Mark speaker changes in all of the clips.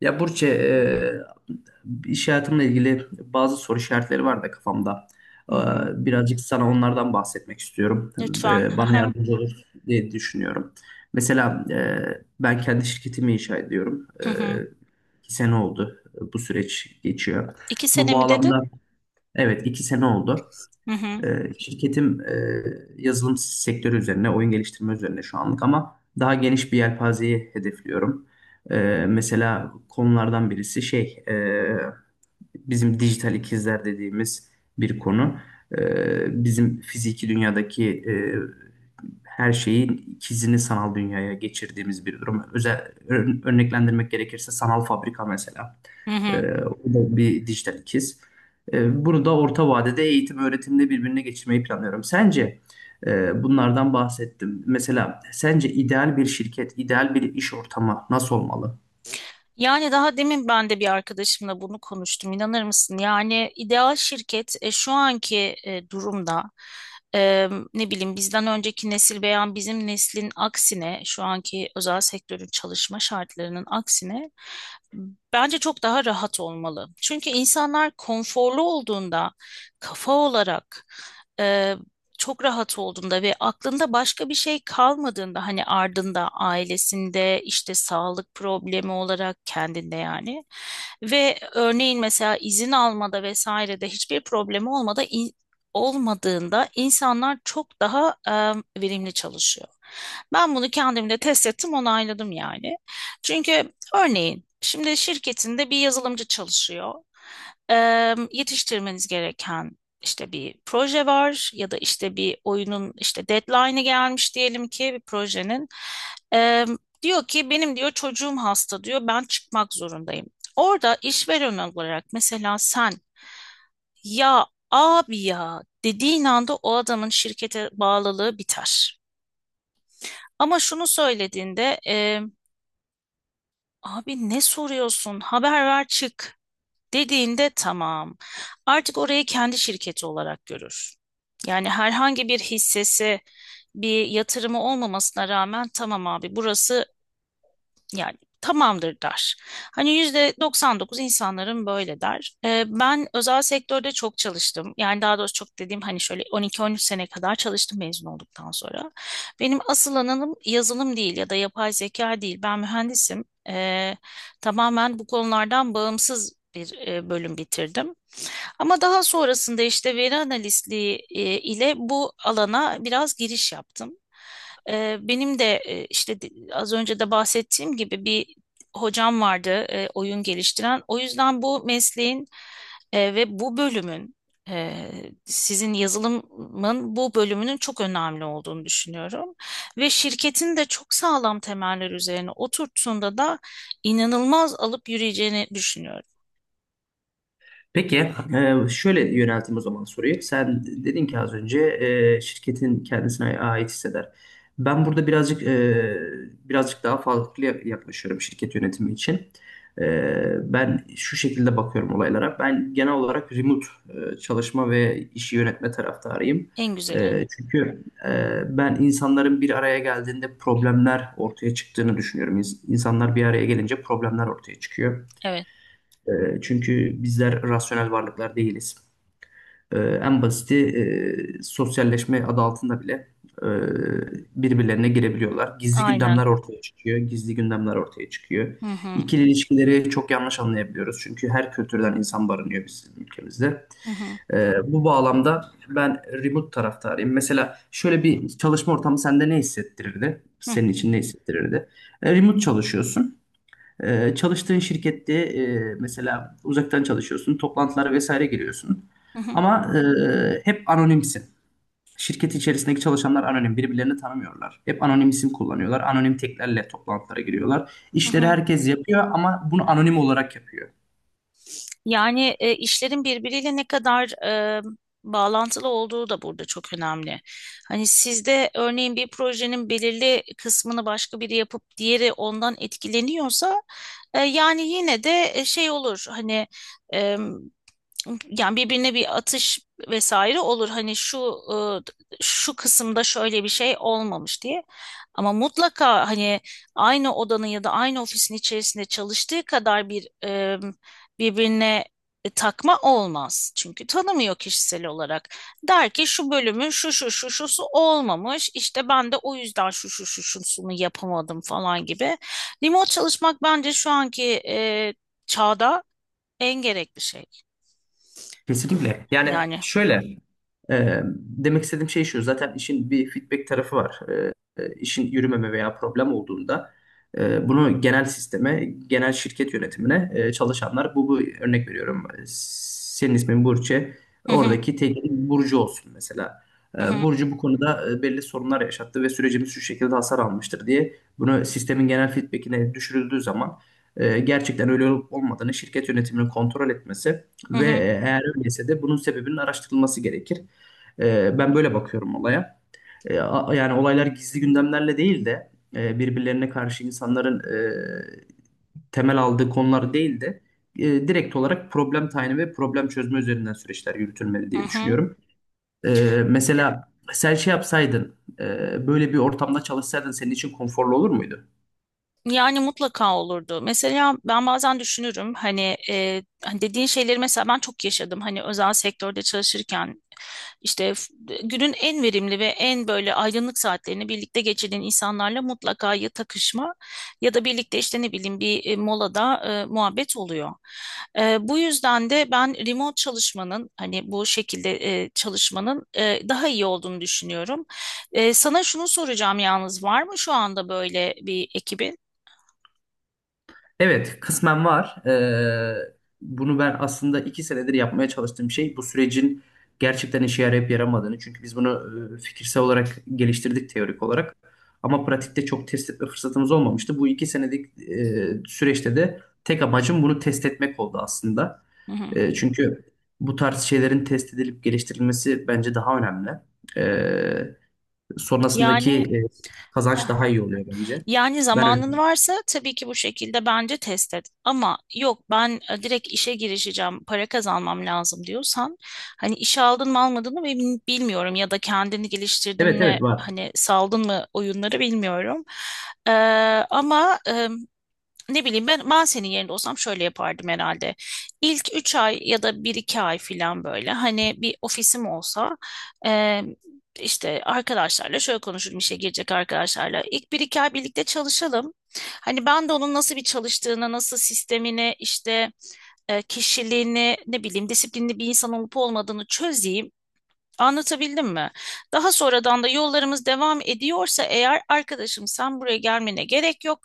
Speaker 1: Ya Burçe, iş hayatımla ilgili bazı soru işaretleri var da kafamda.
Speaker 2: Hı
Speaker 1: E,
Speaker 2: hı.
Speaker 1: Birazcık sana onlardan bahsetmek istiyorum.
Speaker 2: Lütfen. Hı
Speaker 1: Bana
Speaker 2: hı.
Speaker 1: yardımcı olur diye düşünüyorum. Mesela ben kendi şirketimi inşa ediyorum.
Speaker 2: Hı hı.
Speaker 1: İki sene oldu bu süreç geçiyor.
Speaker 2: İki
Speaker 1: Bu
Speaker 2: sene mi dedin?
Speaker 1: bağlamda evet iki sene oldu.
Speaker 2: Hı hı.
Speaker 1: Şirketim yazılım sektörü üzerine, oyun geliştirme üzerine şu anlık ama daha geniş bir yelpazeyi hedefliyorum. Mesela konulardan birisi şey, bizim dijital ikizler dediğimiz bir konu. Bizim fiziki dünyadaki her şeyin ikizini sanal dünyaya geçirdiğimiz bir durum. Özel örneklendirmek gerekirse sanal fabrika mesela.
Speaker 2: Hı
Speaker 1: Ee,
Speaker 2: hı.
Speaker 1: O da bir dijital ikiz. Bunu da orta vadede eğitim öğretimde birbirine geçirmeyi planlıyorum. Sence bunlardan bahsettim. Mesela sence ideal bir şirket, ideal bir iş ortamı nasıl olmalı?
Speaker 2: Yani daha demin ben de bir arkadaşımla bunu konuştum. İnanır mısın? Yani ideal şirket şu anki durumda e, ne bileyim bizden önceki nesil veya bizim neslin aksine şu anki özel sektörün çalışma şartlarının aksine bence çok daha rahat olmalı. Çünkü insanlar konforlu olduğunda kafa olarak e, çok rahat olduğunda ve aklında başka bir şey kalmadığında hani ardında ailesinde işte sağlık problemi olarak kendinde yani ve örneğin mesela izin almada vesairede hiçbir problemi olmada olmadığında insanlar çok daha verimli çalışıyor. Ben bunu kendimde test ettim, onayladım yani. Çünkü örneğin şimdi şirketinde bir yazılımcı çalışıyor. E, Yetiştirmeniz gereken işte bir proje var ya da işte bir oyunun işte deadline'ı gelmiş diyelim ki bir projenin. Ee, Diyor ki benim diyor çocuğum hasta diyor ben çıkmak zorundayım. Orada işveren olarak mesela sen ya abi ya dediğin anda o adamın şirkete bağlılığı biter. Ama şunu söylediğinde abi ne soruyorsun haber ver çık dediğinde tamam. Artık orayı kendi şirketi olarak görür. Yani herhangi bir hissesi, bir yatırımı olmamasına rağmen tamam abi burası yani tamamdır der. Hani %99 insanların böyle der. Ben özel sektörde çok çalıştım. Yani daha doğrusu çok dediğim hani şöyle 12-13 sene kadar çalıştım mezun olduktan sonra. Benim asıl alanım yazılım değil ya da yapay zeka değil. Ben mühendisim. Tamamen bu konulardan bağımsız bir bölüm bitirdim. Ama daha sonrasında işte veri analistliği ile bu alana biraz giriş yaptım. Benim de işte az önce de bahsettiğim gibi bir hocam vardı oyun geliştiren. O yüzden bu mesleğin ve bu bölümün e, sizin yazılımın bu bölümünün çok önemli olduğunu düşünüyorum. Ve şirketin de çok sağlam temeller üzerine oturttuğunda da inanılmaz alıp yürüyeceğini düşünüyorum.
Speaker 1: Peki, şöyle yönelteyim o zaman soruyu. Sen dedin ki az önce şirketin kendisine ait hisseder. Ben burada birazcık birazcık daha farklı yaklaşıyorum şirket yönetimi için. E, Ben şu şekilde bakıyorum olaylara. Ben genel olarak remote çalışma ve işi yönetme taraftarıyım.
Speaker 2: En güzeli.
Speaker 1: Çünkü ben insanların bir araya geldiğinde problemler ortaya çıktığını düşünüyorum. İnsanlar bir araya gelince problemler ortaya çıkıyor.
Speaker 2: Evet,
Speaker 1: E, çünkü bizler rasyonel varlıklar değiliz. En basiti sosyalleşme adı altında bile e, birbirlerine girebiliyorlar. Gizli
Speaker 2: aynen.
Speaker 1: gündemler ortaya çıkıyor, gizli gündemler ortaya çıkıyor.
Speaker 2: Hı hı,
Speaker 1: İkili ilişkileri çok yanlış anlayabiliyoruz. Çünkü her kültürden insan barınıyor bizim ülkemizde.
Speaker 2: hı hı,
Speaker 1: Bu bağlamda ben remote taraftarıyım. Mesela şöyle bir çalışma ortamı sende ne hissettirirdi? Senin için ne hissettirirdi? Remote çalışıyorsun. Çalıştığın şirkette mesela uzaktan çalışıyorsun, toplantılara vesaire giriyorsun.
Speaker 2: hı hı,
Speaker 1: Ama hep anonimsin. Şirket içerisindeki çalışanlar anonim, birbirlerini tanımıyorlar. Hep anonim isim kullanıyorlar, anonim teklerle toplantılara giriyorlar.
Speaker 2: hı
Speaker 1: İşleri
Speaker 2: hı.
Speaker 1: herkes yapıyor ama bunu anonim olarak yapıyor.
Speaker 2: Yani işlerin birbiriyle ne kadar e, bağlantılı olduğu da burada çok önemli. Hani sizde örneğin bir projenin belirli kısmını başka biri yapıp diğeri ondan etkileniyorsa yani yine de şey olur hani yani birbirine bir atış vesaire olur. Hani şu şu kısımda şöyle bir şey olmamış diye. Ama mutlaka hani aynı odanın ya da aynı ofisin içerisinde çalıştığı kadar bir birbirine takma olmaz. Çünkü tanımıyor kişisel olarak. Der ki şu bölümün şu şu şu şusu olmamış. İşte ben de o yüzden şu şu şu şusunu yapamadım falan gibi. Remote çalışmak bence şu anki çağda en gerekli şey.
Speaker 1: Kesinlikle. Yani
Speaker 2: Yani
Speaker 1: şöyle demek istediğim şey şu. Zaten işin bir feedback tarafı var. İşin yürümeme veya problem olduğunda bunu genel sisteme, genel şirket yönetimine çalışanlar bu örnek veriyorum. Senin ismin Burçe.
Speaker 2: hı hı
Speaker 1: Oradaki teklif Burcu olsun mesela.
Speaker 2: hı hı
Speaker 1: Burcu bu konuda belli sorunlar yaşattı ve sürecimiz şu şekilde hasar almıştır diye bunu sistemin genel feedbackine düşürüldüğü zaman gerçekten öyle olup olmadığını şirket yönetiminin kontrol etmesi
Speaker 2: hı
Speaker 1: ve
Speaker 2: hı.
Speaker 1: eğer öyleyse de bunun sebebinin araştırılması gerekir. Ben böyle bakıyorum olaya. Yani olaylar gizli gündemlerle değil de birbirlerine karşı insanların temel aldığı konular değil de direkt olarak problem tayini ve problem çözme üzerinden süreçler yürütülmeli
Speaker 2: Hı
Speaker 1: diye
Speaker 2: hı.
Speaker 1: düşünüyorum. Mesela sen şey yapsaydın, böyle bir ortamda çalışsaydın senin için konforlu olur muydu?
Speaker 2: Yani mutlaka olurdu. Mesela ben bazen düşünürüm hani, hani dediğin şeyleri mesela ben çok yaşadım. Hani özel sektörde çalışırken işte günün en verimli ve en böyle aydınlık saatlerini birlikte geçirdiğin insanlarla mutlaka ya takışma ya da birlikte işte ne bileyim bir molada muhabbet oluyor. Bu yüzden de ben remote çalışmanın hani bu şekilde çalışmanın daha iyi olduğunu düşünüyorum. Sana şunu soracağım yalnız var mı şu anda böyle bir ekibin?
Speaker 1: Evet, kısmen var. Bunu ben aslında iki senedir yapmaya çalıştığım şey bu sürecin gerçekten işe yarayıp yaramadığını. Çünkü biz bunu fikirsel olarak geliştirdik teorik olarak. Ama pratikte çok test etme fırsatımız olmamıştı. Bu iki senelik süreçte de tek amacım bunu test etmek oldu aslında.
Speaker 2: Hı hı.
Speaker 1: Çünkü bu tarz şeylerin test edilip geliştirilmesi bence daha önemli. E, Sonrasındaki
Speaker 2: Yani
Speaker 1: kazanç daha
Speaker 2: hı.
Speaker 1: iyi oluyor bence.
Speaker 2: Yani
Speaker 1: Ben öyle.
Speaker 2: zamanın varsa tabii ki bu şekilde bence test et. Ama yok ben direkt işe girişeceğim, para kazanmam lazım diyorsan hani işe aldın mı almadın mı bilmiyorum ya da kendini geliştirdin
Speaker 1: Evet
Speaker 2: mi
Speaker 1: evet var.
Speaker 2: hani saldın mı oyunları bilmiyorum. Ee, Ama ne bileyim ben, ben senin yerinde olsam şöyle yapardım herhalde. İlk 3 ay ya da bir 2 ay falan böyle hani bir ofisim olsa e, işte arkadaşlarla şöyle konuşurum işe girecek arkadaşlarla. İlk bir 2 ay birlikte çalışalım. Hani ben de onun nasıl bir çalıştığını, nasıl sistemini işte kişiliğini ne bileyim disiplinli bir insan olup olmadığını çözeyim. Anlatabildim mi? Daha sonradan da yollarımız devam ediyorsa eğer arkadaşım sen buraya gelmene gerek yok.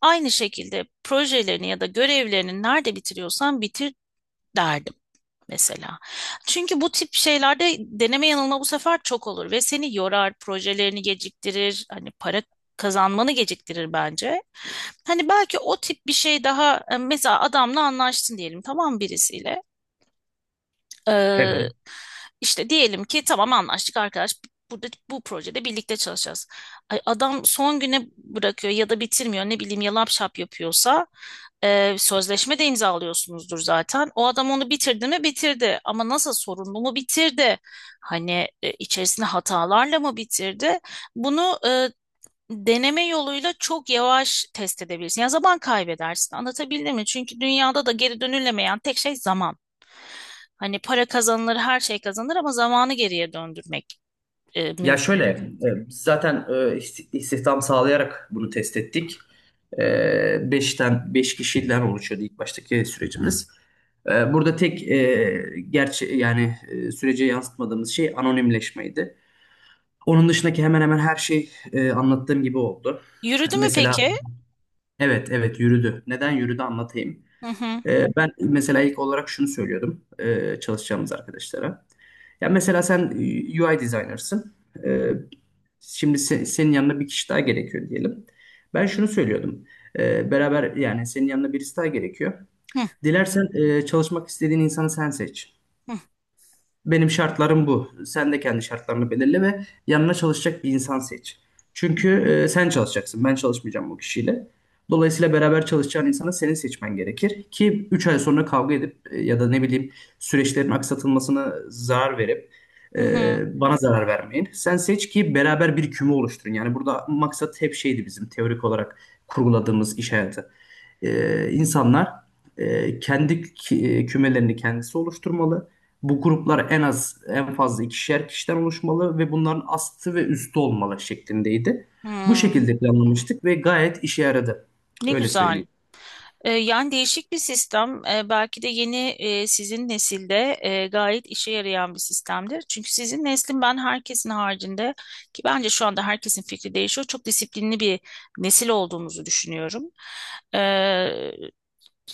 Speaker 2: Aynı şekilde projelerini ya da görevlerini nerede bitiriyorsan bitir derdim mesela. Çünkü bu tip şeylerde deneme yanılma bu sefer çok olur ve seni yorar, projelerini geciktirir, hani para kazanmanı geciktirir bence. Hani belki o tip bir şey daha mesela adamla anlaştın diyelim tamam birisiyle. Ee,
Speaker 1: Evet.
Speaker 2: işte diyelim ki tamam anlaştık arkadaş. Burada bu projede birlikte çalışacağız. Ay, adam son güne bırakıyor ya da bitirmiyor ne bileyim yalap şap yapıyorsa sözleşme de imzalıyorsunuzdur zaten. O adam onu bitirdi mi bitirdi ama nasıl sorunlu mu bitirdi? Hani içerisinde hatalarla mı bitirdi? Bunu deneme yoluyla çok yavaş test edebilirsin. Ya zaman kaybedersin. Anlatabildim mi? Çünkü dünyada da geri dönülemeyen tek şey zaman. Hani para kazanılır, her şey kazanılır ama zamanı geriye döndürmek
Speaker 1: Ya
Speaker 2: mümkün
Speaker 1: şöyle,
Speaker 2: değil.
Speaker 1: biz zaten istihdam sağlayarak bunu test ettik. Beş kişiden oluşuyordu ilk baştaki sürecimiz. Burada gerçi yani sürece yansıtmadığımız şey anonimleşmeydi. Onun dışındaki hemen hemen her şey anlattığım gibi oldu.
Speaker 2: Yürüdü mü
Speaker 1: Mesela
Speaker 2: peki?
Speaker 1: evet evet yürüdü. Neden yürüdü anlatayım.
Speaker 2: Hı hı.
Speaker 1: Ben mesela ilk olarak şunu söylüyordum çalışacağımız arkadaşlara. Ya mesela sen UI designer'sın. Ee, Şimdi senin yanına bir kişi daha gerekiyor diyelim. Ben şunu söylüyordum. Beraber yani senin yanına birisi daha gerekiyor.
Speaker 2: Hı
Speaker 1: Dilersen çalışmak istediğin insanı sen seç.
Speaker 2: hı.
Speaker 1: Benim şartlarım bu. Sen de kendi şartlarını belirle ve yanına çalışacak bir insan seç.
Speaker 2: Hı
Speaker 1: Çünkü
Speaker 2: hı.
Speaker 1: sen çalışacaksın. Ben çalışmayacağım bu kişiyle. Dolayısıyla beraber çalışacağın insanı senin seçmen gerekir ki 3 ay sonra kavga edip ya da ne bileyim süreçlerin aksatılmasına zarar verip
Speaker 2: Hı hı.
Speaker 1: bana zarar vermeyin. Sen seç ki beraber bir küme oluşturun. Yani burada maksat hep şeydi bizim teorik olarak kurguladığımız iş hayatı. İnsanlar kendi kümelerini kendisi oluşturmalı. Bu gruplar en az en fazla ikişer kişiden oluşmalı ve bunların astı ve üstü olmalı şeklindeydi. Bu
Speaker 2: Hı.
Speaker 1: şekilde planlamıştık ve gayet işe yaradı.
Speaker 2: Ne
Speaker 1: Öyle
Speaker 2: güzel.
Speaker 1: söyleyeyim.
Speaker 2: Yani değişik bir sistem. Belki de yeni sizin nesilde gayet işe yarayan bir sistemdir. Çünkü sizin neslin ben herkesin haricinde ki bence şu anda herkesin fikri değişiyor. Çok disiplinli bir nesil olduğumuzu düşünüyorum. E,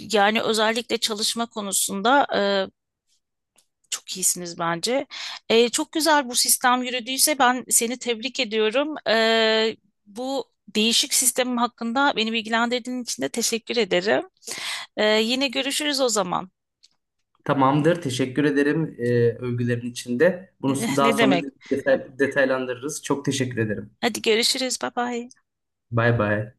Speaker 2: Yani özellikle çalışma konusunda e, çok iyisiniz bence. Çok güzel bu sistem yürüdüyse ben seni tebrik ediyorum. Bu değişik sistemim hakkında beni bilgilendirdiğin için de teşekkür ederim. Yine görüşürüz o zaman.
Speaker 1: Tamamdır. Teşekkür ederim övgülerin içinde. Bunu daha
Speaker 2: Ne
Speaker 1: sonra
Speaker 2: demek?
Speaker 1: detaylandırırız. Çok teşekkür ederim.
Speaker 2: Hadi görüşürüz. Bye bye.
Speaker 1: Bay bay.